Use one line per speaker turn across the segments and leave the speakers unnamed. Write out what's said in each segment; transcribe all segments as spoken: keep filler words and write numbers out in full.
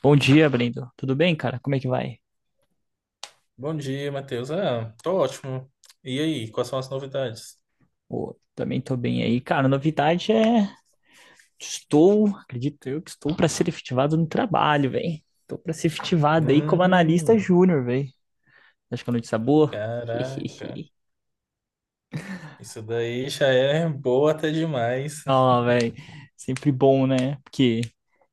Bom dia, Brendo. Tudo bem, cara? Como é que vai?
Bom dia, Matheus. Ah, tô ótimo. E aí, quais são as novidades?
Pô, também tô bem aí. Cara, novidade é estou, acredito eu, que estou para ser efetivado no trabalho, velho. Estou para ser efetivado aí como analista
Hum,
júnior, velho. Acho que é notícia boa.
caraca. Isso daí já é boa até demais.
Ó, velho, sempre bom, né? Porque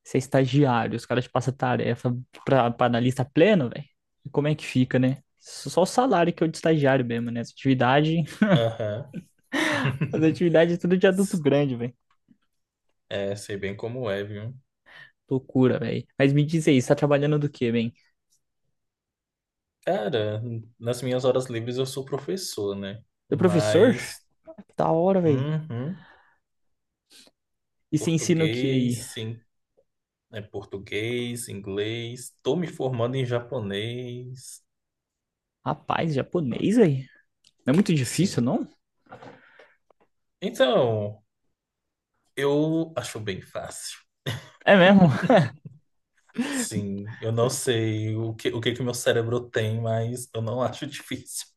você é estagiário, os caras te passam tarefa pra, pra analista pleno, velho. E como é que fica, né? Só o salário que é o de estagiário mesmo, né? As atividades,
Aham.
as atividades é tudo de adulto grande, velho.
É, sei bem como é, viu?
Loucura, velho. Mas me diz aí, você tá trabalhando do quê, bem?
Cara, nas minhas horas livres eu sou professor, né?
Do professor?
Mas,
Ah, que da hora, velho.
uhum,
E você ensina o que
português,
aí?
sim, é português, inglês. Tô me formando em japonês,
Rapaz, japonês aí? Não é muito
sim.
difícil, não?
Então, eu acho bem fácil.
É mesmo?
Sim, eu não sei o que o que que meu cérebro tem, mas eu não acho difícil.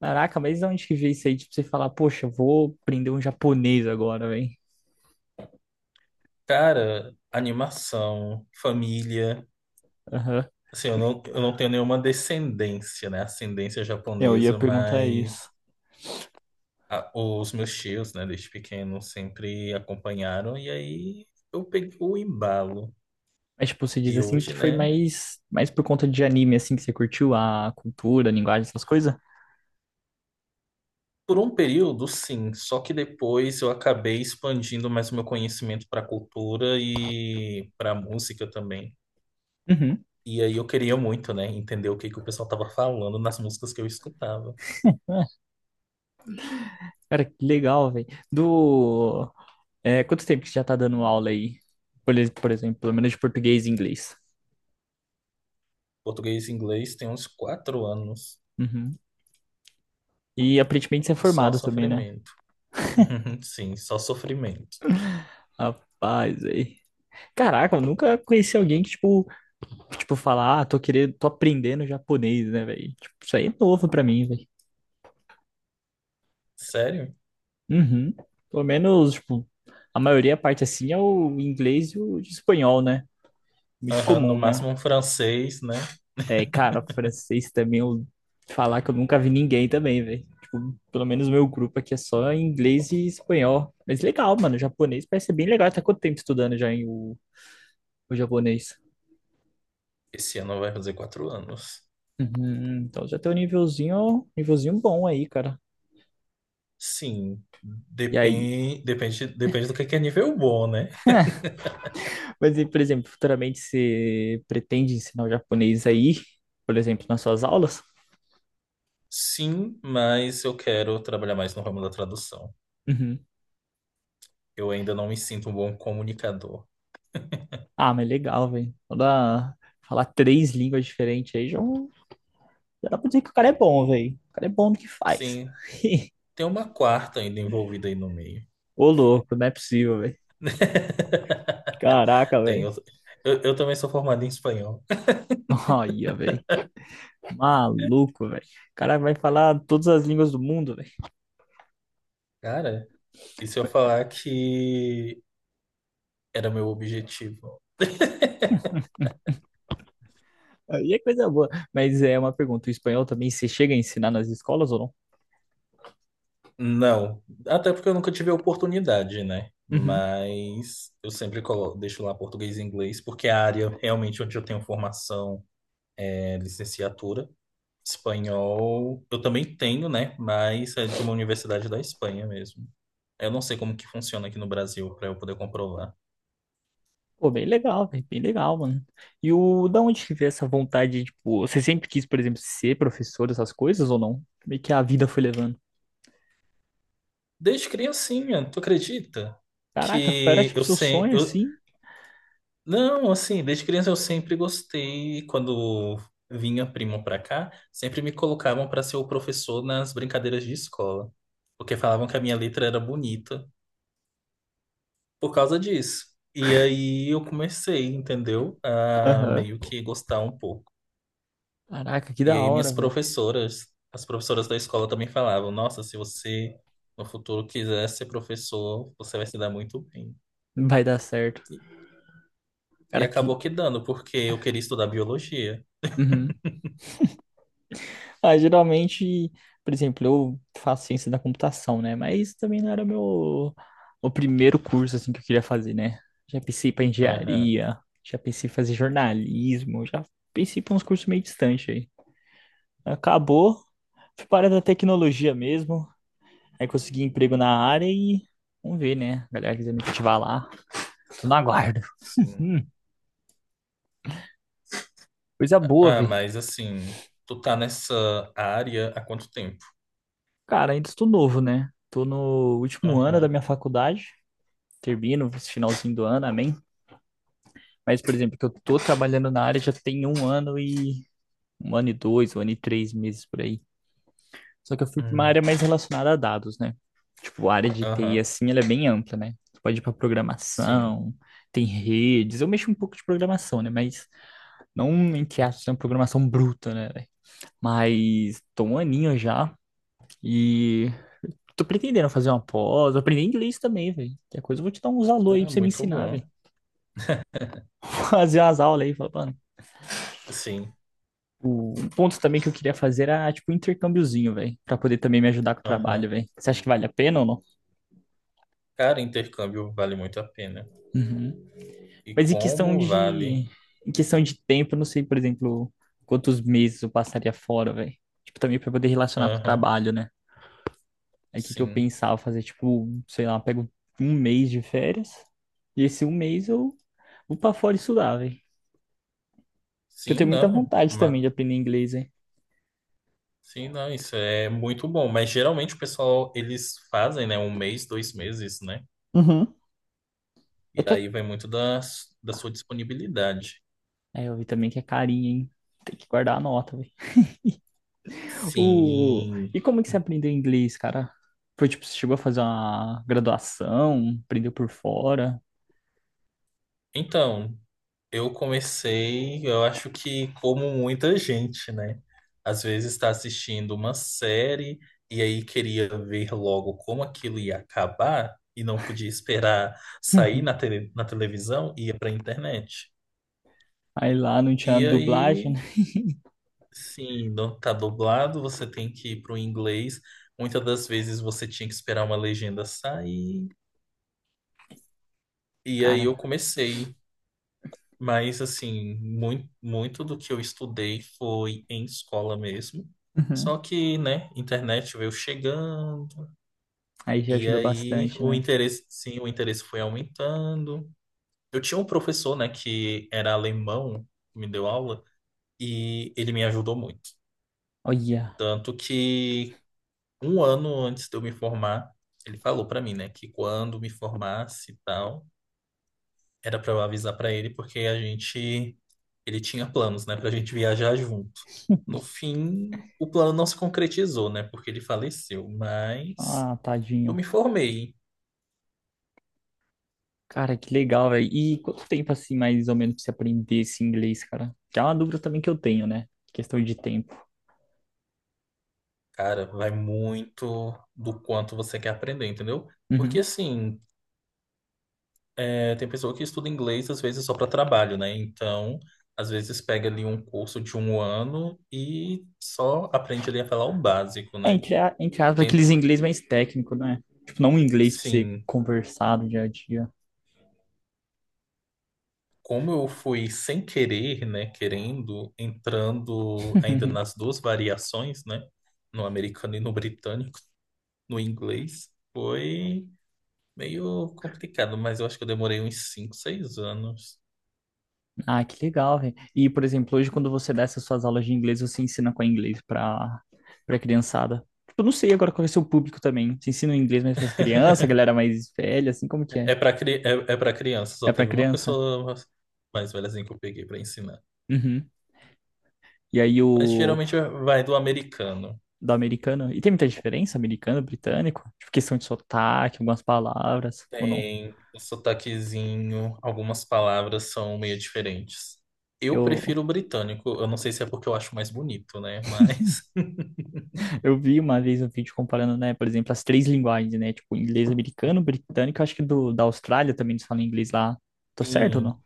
Caraca, mas de onde que veio isso aí? Tipo, você falar, poxa, eu vou aprender um japonês agora, velho.
Cara, animação, família.
Aham.
Assim, eu não, eu não tenho nenhuma descendência, né? Ascendência
Eu ia
japonesa,
perguntar isso.
mas a- os meus tios, né, desde pequeno, sempre acompanharam. E aí eu peguei o embalo.
Mas, tipo, você diz
E
assim
hoje,
que foi
né?
mais, mais por conta de anime, assim, que você curtiu a cultura, a linguagem, essas coisas?
Por um período, sim. Só que depois eu acabei expandindo mais o meu conhecimento para a cultura e para a música também.
Uhum.
E aí eu queria muito, né, entender o que que o pessoal tava falando nas músicas que eu escutava.
Cara, que legal, velho. Do... É, quanto tempo que você já tá dando aula aí? Por, ex- por exemplo, pelo menos de português e inglês.
Português e inglês tem uns quatro anos
Uhum. E aparentemente você é
e só
formado também, né?
sofrimento. Sim, só sofrimento.
Rapaz, aí. Caraca, eu nunca conheci alguém que, tipo, tipo, falar, ah, tô querendo, tô aprendendo japonês, né, velho? Tipo, isso aí é novo pra mim, velho.
Sério?
Uhum. Pelo menos, tipo, a maioria, a parte assim, é o inglês e o espanhol, né? Muito
Aham, no
comum, né?
máximo um francês, né?
É, cara, francês também, eu falar que eu nunca vi ninguém também, velho. Tipo, pelo menos o meu grupo aqui é só inglês e espanhol. Mas legal, mano, japonês parece ser bem legal. Tá quanto tempo estudando já em o, o japonês?
Esse ano vai fazer quatro anos.
Uhum, então já tem um nívelzinho, nívelzinho bom aí, cara.
Sim,
E aí?
depende, depende, depende do que que é nível bom, né?
Mas, e, por exemplo, futuramente você pretende ensinar o japonês aí, por exemplo, nas suas aulas?
Sim, mas eu quero trabalhar mais no ramo da tradução.
Uhum.
Eu ainda não me sinto um bom comunicador.
Ah, mas legal, velho. Falar três línguas diferentes aí já, já dá pra dizer que o cara é bom, velho. O cara é bom no que faz.
Sim, tem uma quarta ainda envolvida aí no meio.
Ô, louco, não é possível, velho. Caraca,
Tem,
velho.
eu, eu, eu também sou formado em espanhol.
Olha, velho. Maluco, velho. O cara vai falar todas as línguas do mundo, velho.
Cara, e se eu falar que era meu objetivo?
Aí é coisa boa. Mas é uma pergunta: o espanhol também você chega a ensinar nas escolas ou
Não, até porque eu nunca tive a oportunidade, né?
não? Uhum.
Mas eu sempre colo- deixo lá português e inglês, porque é a área realmente onde eu tenho formação é licenciatura. Espanhol eu também tenho, né? Mas é de uma universidade da Espanha mesmo. Eu não sei como que funciona aqui no Brasil para eu poder comprovar.
Pô, bem legal, velho. Bem legal, mano. E o da onde que veio essa vontade, tipo, você sempre quis, por exemplo, ser professor, essas coisas ou não? Meio que a vida foi levando.
Desde criancinha, tu acredita?
Caraca, era
Que
tipo
eu
seu sonho
sempre. Eu...
assim?
Não, assim, desde criança eu sempre gostei. Quando vinha primo pra cá, sempre me colocavam pra ser o professor nas brincadeiras de escola. Porque falavam que a minha letra era bonita por causa disso. E aí eu comecei, entendeu? A
Aham.
meio que gostar um pouco.
Caraca, que
E
da
aí
hora,
minhas
velho.
professoras, as professoras da escola também falavam: Nossa, se você no futuro quiser ser professor, você vai se dar muito bem.
Vai dar certo.
E
Cara, que.
acabou que dando, porque eu queria estudar biologia.
Uhum. Ah, geralmente, por exemplo, eu faço ciência da computação, né? Mas isso também não era meu o primeiro curso assim que eu queria fazer, né? Já pensei para
Aham,
engenharia, já pensei em fazer jornalismo, já pensei para uns cursos meio distantes aí. Acabou, fui para a área da tecnologia mesmo, aí consegui emprego na área e vamos ver, né? A galera quiser me ativar lá, tô no aguardo.
sim.
Hum, coisa boa,
Ah,
velho.
mas assim, tu tá nessa área há quanto tempo?
Cara, ainda estou novo, né? Tô no último ano da
Aham,
minha faculdade, termino esse finalzinho do ano, amém. Mas, por exemplo, que eu tô trabalhando na área já tem um ano e um ano e dois, um ano e três meses por aí. Só que eu fui para uma
hum,
área mais relacionada a dados, né? Tipo, a área de T I
aham,
assim, ela é bem ampla, né? Tu pode ir para
sim.
programação, tem redes. Eu mexo um pouco de programação, né? Mas não entre aspas, é uma programação bruta, né, velho? Mas tô um aninho já e tô pretendendo fazer uma pós, aprender inglês também, velho. Que é coisa eu vou te dar uns alô aí
Ah,
pra você me
muito
ensinar,
bom.
velho. Fazer umas aulas aí, falar, mano,
Sim,
o um ponto também que eu queria fazer era, tipo, um intercâmbiozinho, velho, pra poder também me ajudar com o trabalho,
aham.
velho. Você acha que vale a pena ou não?
Cara, intercâmbio vale muito a pena.
Uhum.
E
Mas em questão
como vale?
de, em questão de tempo, eu não sei, por exemplo, quantos meses eu passaria fora, velho. Tipo, também pra poder relacionar com o
Aham,
trabalho, né? Aí o que que eu
sim.
pensava fazer, tipo, sei lá, eu pego um mês de férias e esse um mês eu vou pra fora estudar, velho. Que eu
Sim,
tenho muita
não.
vontade também
Ma-
de aprender inglês, velho.
Sim, não, isso é muito bom. Mas geralmente o pessoal, eles fazem, né, um mês, dois meses, né?
Uhum. É
E
que é
aí vai muito da, da sua disponibilidade.
É, eu vi também que é carinho, hein? Tem que guardar a nota, velho. O...
Sim.
E como que você aprendeu inglês, cara? Foi tipo, você chegou a fazer uma graduação, aprendeu por fora.
Então, eu comecei, eu acho que como muita gente, né? Às vezes está assistindo uma série e aí queria ver logo como aquilo ia acabar e não podia esperar sair na, tele, na televisão, ia para a internet.
Aí lá não tinha
E
dublagem,
aí,
né?
sim, não tá dublado, você tem que ir para o inglês. Muitas das vezes você tinha que esperar uma legenda sair. E aí
Cara,
eu comecei. Mas, assim, muito, muito do que eu estudei foi em escola mesmo.
uhum,
Só que, né, internet veio chegando,
aí já
e
ajuda
aí
bastante,
o
né?
interesse, sim, o interesse foi aumentando. Eu tinha um professor, né, que era alemão, que me deu aula, e ele me ajudou muito.
Olha,
Tanto que um ano antes de eu me formar, ele falou pra mim, né, que quando me formasse e tal, era para eu avisar para ele porque a gente ele tinha planos, né, pra gente viajar junto. No fim, o plano não se concretizou, né, porque ele faleceu, mas
ah,
eu
tadinho.
me formei.
Cara, que legal, velho. E quanto tempo, assim, mais ou menos, pra você aprender esse inglês, cara? Que é uma dúvida também que eu tenho, né? Questão de tempo.
Cara, vai muito do quanto você quer aprender, entendeu? Porque
Uhum.
assim, é, tem pessoa que estuda inglês às vezes só para trabalho, né? Então, às vezes pega ali um curso de um ano e só aprende ali a falar o básico,
É,
né?
entre, a- entre aspas,
Tem,
aqueles inglês mais técnico, né? Tipo, não um inglês pra você
sim.
conversar no dia a dia.
Como eu fui sem querer, né, querendo, entrando ainda nas duas variações, né, no americano e no britânico, no inglês, foi meio complicado, mas eu acho que eu demorei uns cinco, seis anos.
Ah, que legal, velho. E, por exemplo, hoje quando você dá essas suas aulas de inglês, você ensina qual inglês para para criançada? Tipo, eu não sei agora qual é o seu público também. Você ensina o inglês mais para as crianças, a galera mais velha, assim, como que é?
É para cri é, é para criança, só
É para
teve uma
criança?
pessoa mais velhazinha que eu peguei para ensinar.
Uhum. E aí
Mas
o
geralmente vai do americano.
do americano? E tem muita diferença americano, britânico? Tipo, questão de sotaque, algumas palavras, ou não?
Tem o sotaquezinho, algumas palavras são meio diferentes. Eu
Eu,
prefiro o britânico, eu não sei se é porque eu acho mais bonito, né? Mas.
eu vi uma vez um vídeo comparando, né, por exemplo, as três linguagens, né? Tipo, inglês americano, britânico, acho que do, da Austrália também eles falam inglês lá. Tô certo ou não?
Sim,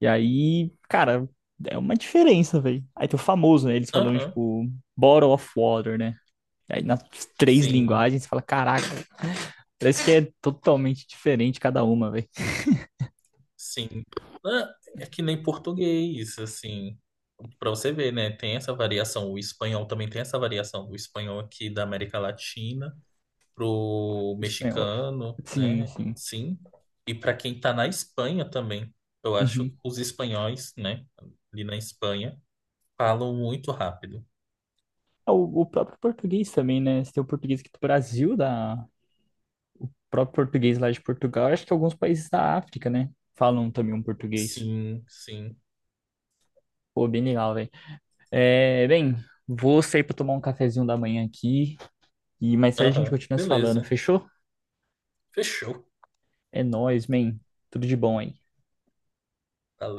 E aí, cara, é uma diferença, velho. Aí tem o famoso, né? Eles falam,
aham,
tipo, Bottle of Water, né? Aí nas três
sim,
linguagens, você fala, caraca, parece que é totalmente diferente cada uma, velho.
sim. Ah, é que nem português, assim. Pra você ver, né? Tem essa variação. O espanhol também tem essa variação. O espanhol aqui da América Latina. Pro
O espanhol.
mexicano,
Sim,
né?
sim.
Sim. E para quem tá na Espanha também. Eu acho
Uhum.
que os espanhóis, né? Ali na Espanha, falam muito rápido.
É, O, o próprio português também, né? Você tem o português aqui do Brasil, da o próprio português lá de Portugal, acho que alguns países da África, né? Falam também um português.
Sim, sim.
Pô, bem legal, velho. É, bem, vou sair pra tomar um cafezinho da manhã aqui e mais tarde a gente
Aham,
continua se falando,
beleza.
fechou?
Fechou.
É nóis, man. Tudo de bom aí.
Valeu.